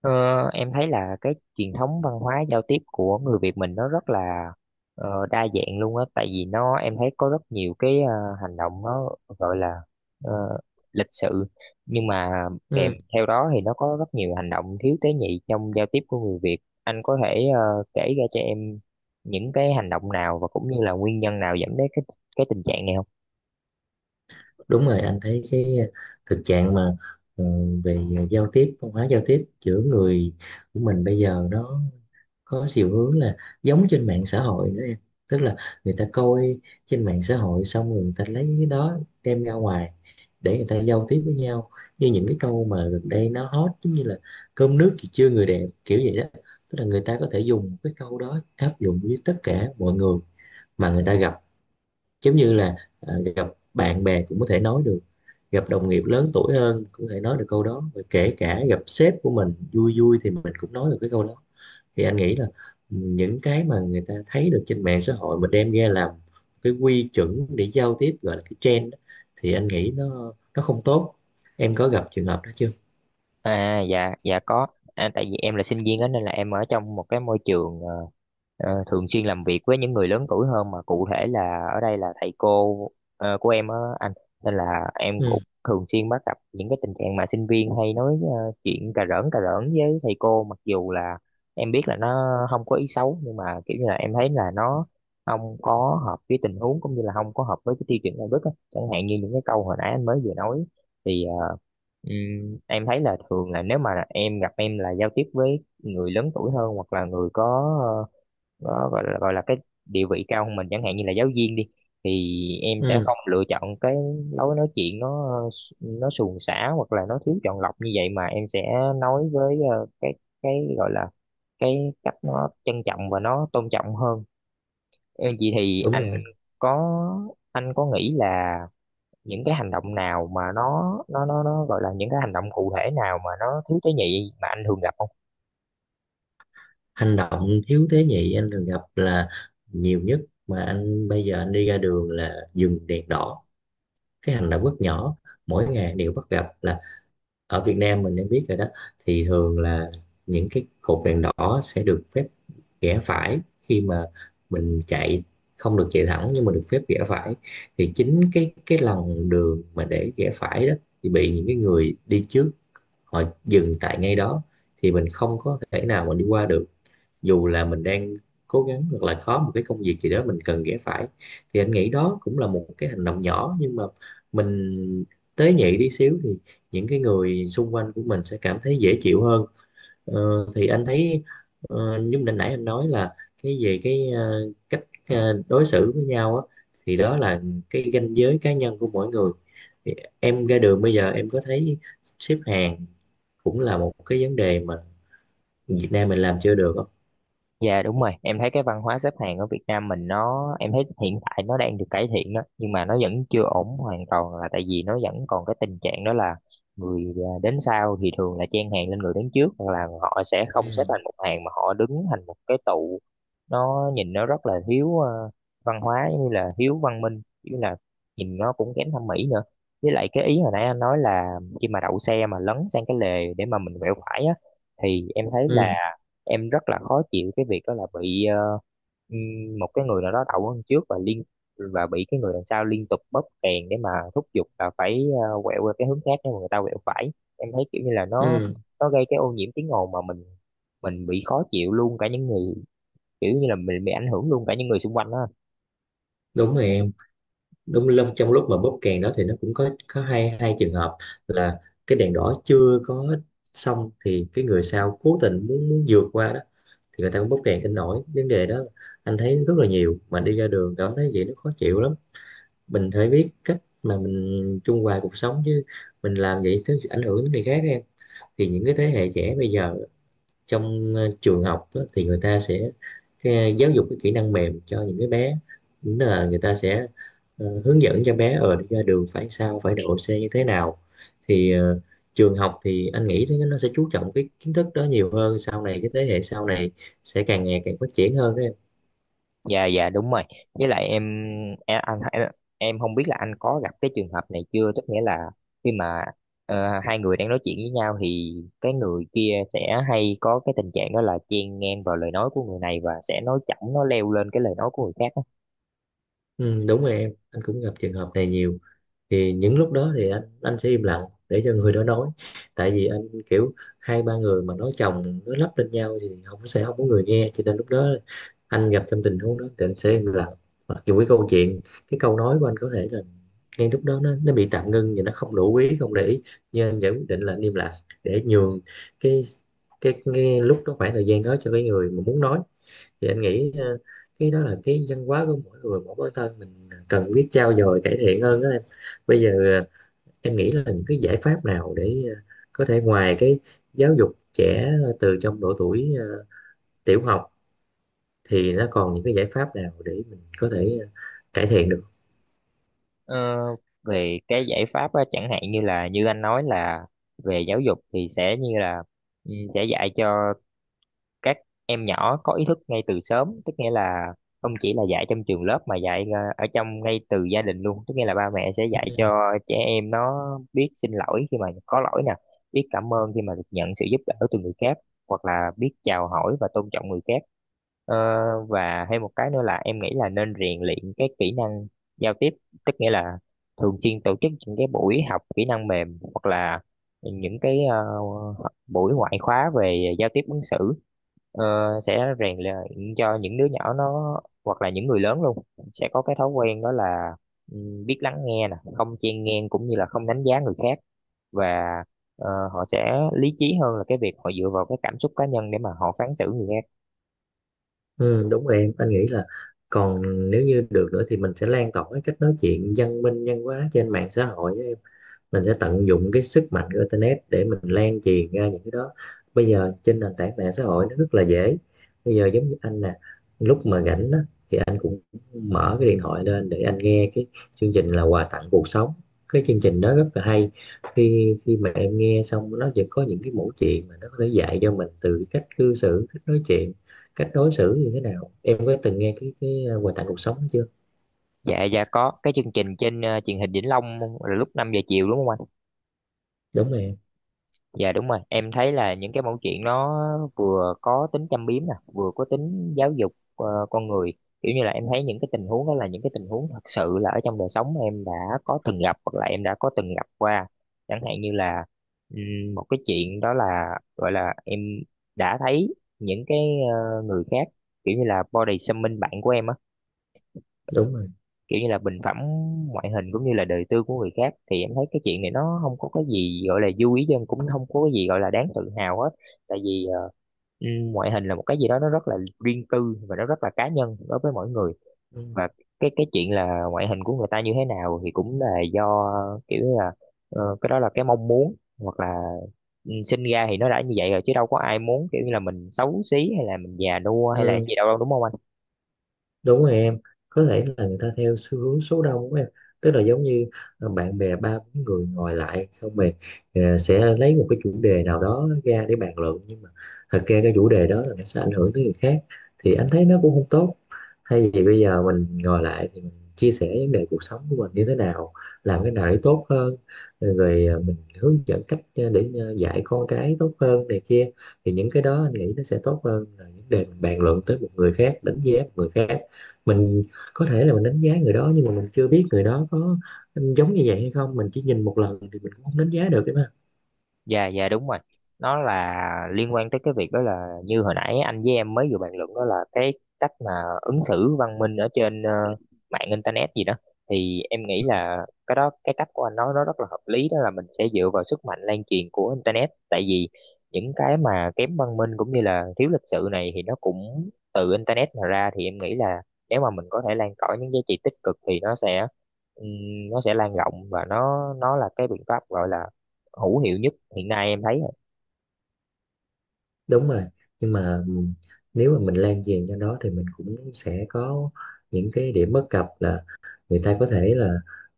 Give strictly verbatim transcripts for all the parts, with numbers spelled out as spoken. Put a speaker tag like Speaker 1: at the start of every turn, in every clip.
Speaker 1: Ờ, em thấy là cái truyền thống văn hóa giao tiếp của người Việt mình nó rất là ờ, đa dạng luôn á, tại vì nó em thấy có rất nhiều cái ờ, hành động nó gọi là ờ, lịch sự, nhưng mà kèm
Speaker 2: Ừ,
Speaker 1: theo đó thì nó có rất nhiều hành động thiếu tế nhị trong giao tiếp của người Việt. Anh có thể ờ, kể ra cho em những cái hành động nào và cũng như là nguyên nhân nào dẫn đến cái cái tình trạng này không?
Speaker 2: đúng rồi, anh thấy cái ờ, thực trạng mà, ừ, về giao tiếp, văn hóa giao tiếp giữa người của mình bây giờ nó có chiều hướng là giống trên mạng xã hội nữa em. Tức là người ta coi trên mạng xã hội xong rồi người ta lấy cái đó đem ra ngoài để người ta giao tiếp với nhau, như những cái câu mà gần đây nó hot giống như là cơm nước thì chưa người đẹp kiểu vậy đó. Tức là người ta có thể dùng cái câu đó áp dụng với tất cả mọi người mà người ta gặp, giống như là ờ, gặp bạn bè cũng có thể nói được, gặp đồng nghiệp lớn tuổi hơn cũng có thể nói được câu đó, và kể cả gặp sếp của mình vui vui thì mình cũng nói được cái câu đó. Thì anh nghĩ là ừ, những cái mà người ta thấy được trên mạng xã hội mà đem ra làm cái quy chuẩn để giao tiếp, gọi là cái trend đó, thì anh nghĩ nó nó không tốt. Em có gặp trường hợp đó chưa?
Speaker 1: À, dạ dạ có. À, tại vì em là sinh viên đó, nên là em ở trong một cái môi trường ờ, ờ, thường xuyên làm việc với những người lớn tuổi hơn, mà cụ thể là ở đây là thầy cô ờ, của em á anh. Nên là em
Speaker 2: ừ,
Speaker 1: cũng thường xuyên bắt gặp những cái tình trạng mà sinh viên hay nói ờ, chuyện cà rỡn cà rỡn với thầy cô, mặc dù là em biết là nó không có ý xấu, nhưng mà kiểu như là em thấy là nó không có hợp với tình huống, cũng như là không có hợp với cái tiêu chuẩn đạo đức á, chẳng hạn như những cái câu hồi nãy anh mới vừa nói. thì ờ, Ừm, em thấy là thường là nếu mà em gặp, em là giao tiếp với người lớn tuổi hơn, hoặc là người có, ờ, có gọi là gọi là cái địa vị cao hơn mình, chẳng hạn như là giáo viên đi, thì em sẽ
Speaker 2: ừ,
Speaker 1: không lựa chọn cái lối nói chuyện nó nó suồng sã hoặc là nó thiếu chọn lọc như vậy, mà em sẽ nói với ờ, cái cái gọi là cái cách nó trân trọng và nó tôn trọng hơn. Em vậy thì
Speaker 2: Đúng
Speaker 1: anh
Speaker 2: rồi.
Speaker 1: có anh có nghĩ là những cái hành động nào mà nó nó nó nó gọi là những cái hành động cụ thể nào mà nó thiếu tế nhị mà anh thường gặp không?
Speaker 2: Hành động thiếu tế nhị anh thường gặp là nhiều nhất, mà anh bây giờ anh đi ra đường là dừng đèn đỏ. Cái hành động rất nhỏ mỗi ngày đều bắt gặp là, ở Việt Nam mình nên biết rồi đó, thì thường là những cái cột đèn đỏ sẽ được phép rẽ phải, khi mà mình chạy không được chạy thẳng nhưng mà được phép rẽ phải. Thì chính cái cái lòng đường mà để rẽ phải đó thì bị những cái người đi trước họ dừng tại ngay đó, thì mình không có thể nào mà đi qua được, dù là mình đang cố gắng hoặc là có một cái công việc gì đó mình cần ghé phải. Thì anh nghĩ đó cũng là một cái hành động nhỏ, nhưng mà mình tế nhị tí xíu thì những cái người xung quanh của mình sẽ cảm thấy dễ chịu hơn. ờ, thì anh thấy ờ, giống như mình nãy anh nói là cái về cái ờ, cách ờ, đối xử với nhau á, thì đó là cái ranh giới cá nhân của mỗi người. Thì em ra đường bây giờ em có thấy xếp hàng cũng là một cái vấn đề mà Việt Nam mình làm chưa được không?
Speaker 1: Dạ đúng rồi, em thấy cái văn hóa xếp hàng ở Việt Nam mình nó em thấy hiện tại nó đang được cải thiện đó, nhưng mà nó vẫn chưa ổn hoàn toàn, là tại vì nó vẫn còn cái tình trạng đó là người à, đến sau thì thường là chen hàng lên người đến trước, hoặc là họ sẽ không xếp
Speaker 2: Ừ.
Speaker 1: thành một hàng mà họ đứng thành một cái tụ, nó nhìn nó rất là thiếu ờ, văn hóa, giống như là thiếu văn minh, như là nhìn nó cũng kém thẩm mỹ nữa. Với lại cái ý hồi nãy anh nói là khi mà đậu xe mà lấn sang cái lề để mà mình quẹo phải á, thì em thấy là
Speaker 2: ừ
Speaker 1: em rất là khó chịu cái việc đó, là bị ờ, ừm, một cái người nào đó đậu hơn trước, và liên và bị cái người đằng sau liên tục bóp kèn để mà thúc giục là phải ờ, quẹo qua cái hướng khác để mà người ta quẹo phải. Em thấy kiểu như là nó
Speaker 2: Ừ,
Speaker 1: nó gây cái ô nhiễm tiếng ồn, mà mình mình bị khó chịu luôn cả những người, kiểu như là mình bị ảnh hưởng luôn cả những người xung quanh đó.
Speaker 2: đúng rồi em. Đúng lúc trong lúc mà bóp kèn đó thì nó cũng có có hai hai trường hợp, là cái đèn đỏ chưa có xong thì cái người sau cố tình muốn muốn vượt qua đó, thì người ta cũng bóp kèn kinh nổi vấn đề đó. Anh thấy rất là nhiều, mà đi ra đường cảm thấy vậy nó khó chịu lắm. Mình phải biết cách mà mình trung hòa cuộc sống chứ, mình làm vậy tới ảnh hưởng đến người khác em. Thì những cái thế hệ trẻ bây giờ trong ờ, trường học á, thì người ta sẽ cái, giáo dục cái kỹ năng mềm cho những cái bé. Đúng là người ta sẽ ờ, hướng dẫn cho bé ở ra đường phải sao, phải độ xe như thế nào. Thì ờ, trường học thì anh nghĩ nó sẽ chú trọng cái kiến thức đó nhiều hơn, sau này cái thế hệ sau này sẽ càng ngày càng phát triển hơn đó em.
Speaker 1: Dạ dạ đúng rồi, với lại em, em anh em, em không biết là anh có gặp cái trường hợp này chưa, tức nghĩa là khi mà ờ, hai người đang nói chuyện với nhau thì cái người kia sẽ hay có cái tình trạng đó là chen ngang vào lời nói của người này, và sẽ nói chỏng nó leo lên cái lời nói của người khác á.
Speaker 2: Ừ, đúng rồi em, anh cũng gặp trường hợp này nhiều. Thì những lúc đó thì anh anh sẽ im lặng để cho người đó nói. Tại vì anh kiểu, hai ba người mà nói chồng nói lắp lên nhau thì không sẽ không có người nghe, cho nên lúc đó anh gặp trong tình huống đó thì anh sẽ im lặng. Mặc dù cái câu chuyện, cái câu nói của anh có thể là ngay lúc đó nó nó bị tạm ngưng và nó không đủ quý không để ý, nhưng anh vẫn quyết định là anh im lặng, để nhường cái cái, cái lúc đó, khoảng thời gian đó cho cái người mà muốn nói. Thì anh nghĩ ờ, cái đó là cái văn hóa của mỗi người, mỗi bản thân mình cần biết trau dồi cải thiện hơn đó em. Bây giờ ờ, em nghĩ là những cái giải pháp nào để ờ, có thể ngoài cái giáo dục trẻ từ trong độ tuổi ờ, tiểu học, thì nó còn những cái giải pháp nào để mình có thể ờ, cải thiện được?
Speaker 1: Ờ, Về cái giải pháp á, chẳng hạn như là như anh nói là về giáo dục thì sẽ như là, ừ, sẽ dạy cho các em nhỏ có ý thức ngay từ sớm, tức nghĩa là không chỉ là dạy trong trường lớp mà dạy ờ, ở trong ngay từ gia đình luôn, tức nghĩa là ba mẹ sẽ dạy
Speaker 2: Ừ.
Speaker 1: cho trẻ em nó biết xin lỗi khi mà có lỗi nè, biết cảm ơn khi mà được nhận sự giúp đỡ từ người khác, hoặc là biết chào hỏi và tôn trọng người khác. Ờ, và thêm một cái nữa là em nghĩ là nên rèn luyện cái kỹ năng giao tiếp, tức nghĩa là thường xuyên tổ chức những cái buổi học kỹ năng mềm, hoặc là những cái ờ, buổi ngoại khóa về giao tiếp ứng xử, ờ, sẽ rèn luyện cho những đứa nhỏ nó, hoặc là những người lớn luôn, sẽ có cái thói quen đó là, ừ, biết lắng nghe nè, không chen ngang, cũng như là không đánh giá người khác, và ờ, họ sẽ lý trí hơn là cái việc họ dựa vào cái cảm xúc cá nhân để mà họ phán xử người khác.
Speaker 2: ừ, Đúng rồi em, anh nghĩ là còn, nếu như được nữa thì mình sẽ lan tỏa cái cách nói chuyện văn minh văn hóa trên mạng xã hội á em. Mình sẽ tận dụng cái sức mạnh của internet để mình lan truyền ra những cái đó. Bây giờ trên nền tảng mạng xã hội nó rất là dễ. Bây giờ giống như anh nè, lúc mà rảnh á, thì anh cũng mở cái điện thoại lên để anh nghe cái chương trình là quà tặng cuộc sống. Cái chương trình đó rất là hay, khi khi mà em nghe xong nó vẫn có những cái mẫu chuyện mà nó có thể dạy cho mình từ cách cư xử, cách nói chuyện, cách đối xử như thế nào. Em có từng nghe cái cái à, quà tặng cuộc sống chưa?
Speaker 1: Dạ dạ có, cái chương trình trên ờ, truyền hình Vĩnh Long là lúc năm giờ chiều đúng không?
Speaker 2: Đúng rồi em.
Speaker 1: Dạ đúng rồi, em thấy là những cái mẫu chuyện nó vừa có tính châm biếm nè, vừa có tính giáo dục ờ, con người. Kiểu như là em thấy những cái tình huống đó là những cái tình huống thật sự là ở trong đời sống em đã có từng gặp, hoặc là em đã có từng gặp qua. Chẳng hạn như là, ừm, một cái chuyện đó là, gọi là em đã thấy những cái ờ, người khác kiểu như là body shaming bạn của em á,
Speaker 2: Đúng rồi.
Speaker 1: kiểu như là bình phẩm ngoại hình cũng như là đời tư của người khác, thì em thấy cái chuyện này nó không có cái gì gọi là vui ý dân, cũng không có cái gì gọi là đáng tự hào hết. Tại vì ờ, ừm, ngoại hình là một cái gì đó nó rất là riêng tư, và nó rất là cá nhân đối với mỗi người.
Speaker 2: ừ.
Speaker 1: Và cái cái chuyện là ngoại hình của người ta như thế nào, thì cũng là do, kiểu như là ờ, cái đó là cái mong muốn, hoặc là ừ, sinh ra thì nó đã như vậy rồi, chứ đâu có ai muốn kiểu như là mình xấu xí, hay là mình già nua, hay là
Speaker 2: Ừ.
Speaker 1: gì đâu, đúng không?
Speaker 2: Đúng rồi em. Có thể là người ta theo xu hướng số đông của em, tức là giống như ờ, bạn bè ba bốn người ngồi lại xong rồi ờ, sẽ lấy một cái chủ đề nào đó ra để bàn luận, nhưng mà thật ra cái chủ đề đó là nó sẽ ảnh hưởng tới người khác, thì anh thấy nó cũng không tốt. Hay vì bây giờ mình ngồi lại thì mình chia sẻ vấn đề cuộc sống của mình như thế nào, làm cái nào để tốt hơn, rồi ờ, mình hướng dẫn cách ờ, để ờ, dạy con cái tốt hơn này kia. Thì những cái đó anh nghĩ nó sẽ tốt hơn là những đề mình bàn luận tới một người khác, đánh giá một người khác. Mình có thể là mình đánh giá người đó nhưng mà mình chưa biết người đó có giống như vậy hay không, mình chỉ nhìn một lần thì mình cũng không đánh giá được đấy mà.
Speaker 1: Dạ dạ đúng rồi. Nó là liên quan tới cái việc đó, là như hồi nãy anh với em mới vừa bàn luận đó, là cái cách mà ứng xử văn minh ở trên ờ, mạng internet gì đó. Thì em nghĩ là cái đó cái cách của anh nói nó rất là hợp lý, đó là mình sẽ dựa vào sức mạnh lan truyền của internet. Tại vì những cái mà kém văn minh cũng như là thiếu lịch sự này thì nó cũng từ internet mà ra, thì em nghĩ là nếu mà mình có thể lan tỏa những giá trị tích cực thì nó sẽ ừm, nó sẽ lan rộng, và nó nó là cái biện pháp gọi là hữu hiệu nhất hiện nay em thấy.
Speaker 2: Đúng rồi, nhưng mà nếu mà mình lan truyền cho nó thì mình cũng sẽ có những cái điểm bất cập, là người ta có thể là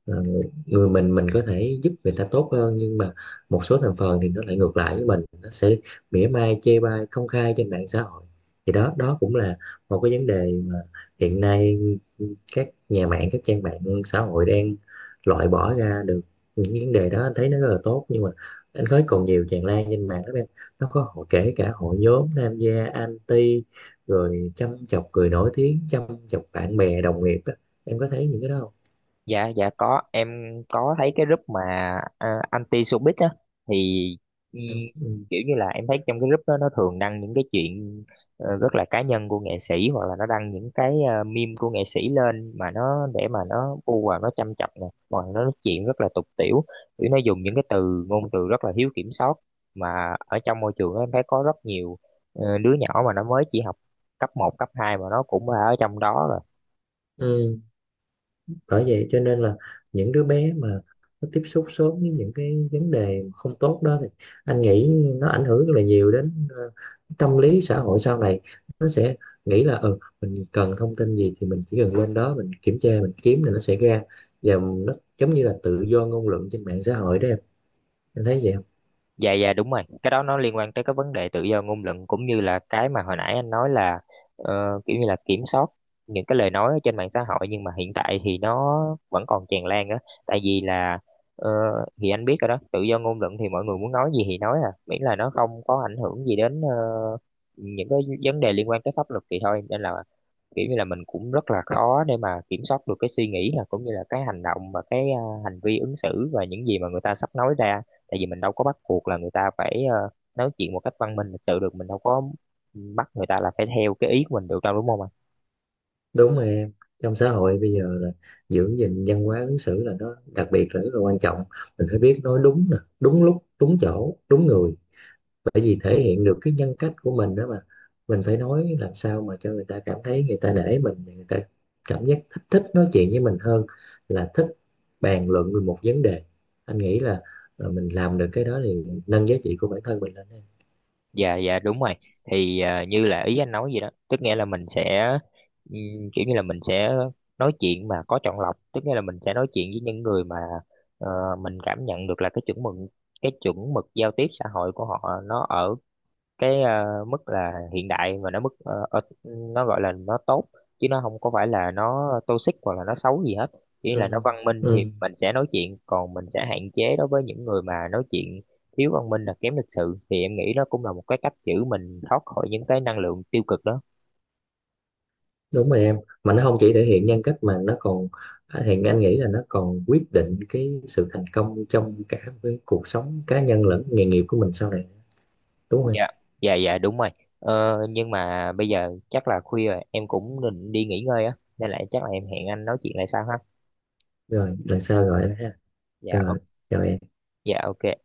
Speaker 2: ờ, người mình mình có thể giúp người ta tốt hơn, nhưng mà một số thành phần thì nó lại ngược lại với mình, nó sẽ mỉa mai chê bai công khai trên mạng xã hội. Thì đó đó cũng là một cái vấn đề mà hiện nay các nhà mạng, các trang mạng xã hội đang loại bỏ ra được những vấn đề đó, anh thấy nó rất là tốt, nhưng mà anh thấy còn nhiều tràn lan trên mạng lắm em. Nó có hội, kể cả hội nhóm tham gia anti rồi châm chọc người nổi tiếng, châm chọc bạn bè đồng nghiệp á. Em có thấy những cái đó không?
Speaker 1: Dạ dạ có em, có thấy cái group mà à, anti showbiz á. Thì, ừ,
Speaker 2: ừ.
Speaker 1: kiểu như là em thấy trong cái group đó nó thường đăng những cái chuyện ờ, rất là cá nhân của nghệ sĩ, hoặc là nó đăng những cái uh, meme của nghệ sĩ lên, mà nó để mà nó bu vào nó châm chọc nè, hoặc là nó nói chuyện rất là tục tĩu, kiểu nó dùng những cái từ ngôn từ rất là thiếu kiểm soát. Mà ở trong môi trường đó em thấy có rất nhiều ờ, đứa nhỏ mà nó mới chỉ học cấp một cấp hai mà nó cũng ở trong đó rồi.
Speaker 2: Ừ. Bởi vậy cho nên là những đứa bé mà nó tiếp xúc sớm với những cái vấn đề không tốt đó, thì anh nghĩ nó ảnh hưởng rất là nhiều đến ờ, tâm lý xã hội sau này. Nó sẽ nghĩ là, ừ, mình cần thông tin gì thì mình chỉ cần lên đó mình kiểm tra, mình kiếm thì nó sẽ ra. Và nó giống như là tự do ngôn luận trên mạng xã hội đó em. Em thấy vậy không?
Speaker 1: Dạ dạ đúng rồi, cái đó nó liên quan tới cái vấn đề tự do ngôn luận, cũng như là cái mà hồi nãy anh nói là ờ, kiểu như là kiểm soát những cái lời nói ở trên mạng xã hội. Nhưng mà hiện tại thì nó vẫn còn tràn lan á, tại vì là, ờ, thì anh biết rồi đó, tự do ngôn luận thì mọi người muốn nói gì thì nói à, miễn là nó không có ảnh hưởng gì đến ờ, những cái vấn đề liên quan tới pháp luật thì thôi. Nên là kiểu như là mình cũng rất là khó để mà kiểm soát được cái suy nghĩ, là cũng như là cái hành động và cái à, hành vi ứng xử và những gì mà người ta sắp nói ra. Tại vì mình đâu có bắt buộc là người ta phải ờ, nói chuyện một cách văn minh lịch sự được, mình đâu có bắt người ta là phải theo cái ý của mình được đâu, đúng không ạ?
Speaker 2: Đúng rồi em. Trong xã hội bây giờ là giữ gìn văn hóa ứng xử là nó đặc biệt là rất là quan trọng. Mình phải biết nói đúng nè, đúng lúc, đúng chỗ, đúng người, bởi vì thể hiện được cái nhân cách của mình đó mà. Mình phải nói làm sao mà cho người ta cảm thấy người ta nể mình, người ta cảm giác thích thích nói chuyện với mình hơn là thích bàn luận về một vấn đề. Anh nghĩ là ờ, mình làm được cái đó thì nâng giá trị của bản thân mình lên em.
Speaker 1: Dạ dạ đúng rồi, thì à, như là ý anh nói vậy đó, tức nghĩa là mình sẽ ừm, kiểu như là mình sẽ nói chuyện mà có chọn lọc, tức nghĩa là mình sẽ nói chuyện với những người mà ờ, mình cảm nhận được là cái chuẩn mực cái chuẩn mực giao tiếp xã hội của họ nó ở cái ờ, mức là hiện đại, và nó mức ờ, ờ, nó gọi là nó tốt, chứ nó không có phải là nó toxic hoặc là nó xấu gì hết, chỉ là nó
Speaker 2: ừ.
Speaker 1: văn minh thì
Speaker 2: Ừ.
Speaker 1: mình sẽ nói chuyện, còn mình sẽ hạn chế đối với những người mà nói chuyện thiếu văn minh là kém lịch sự, thì em nghĩ đó cũng là một cái cách giữ mình thoát khỏi những cái năng lượng tiêu cực đó.
Speaker 2: Đúng rồi em, mà nó không chỉ thể hiện nhân cách mà nó còn, thì anh nghĩ là nó còn quyết định cái sự thành công trong cả cái cuộc sống cá nhân lẫn nghề nghiệp của mình sau này, đúng không em?
Speaker 1: Dạ dạ dạ đúng rồi. Ờ, nhưng mà bây giờ chắc là khuya rồi, em cũng định đi nghỉ ngơi á, nên là chắc là em hẹn anh nói chuyện lại sau ha.
Speaker 2: Rồi lần sau gọi anh ha.
Speaker 1: Dạ ô-
Speaker 2: Rồi, chào em.
Speaker 1: dạ ok.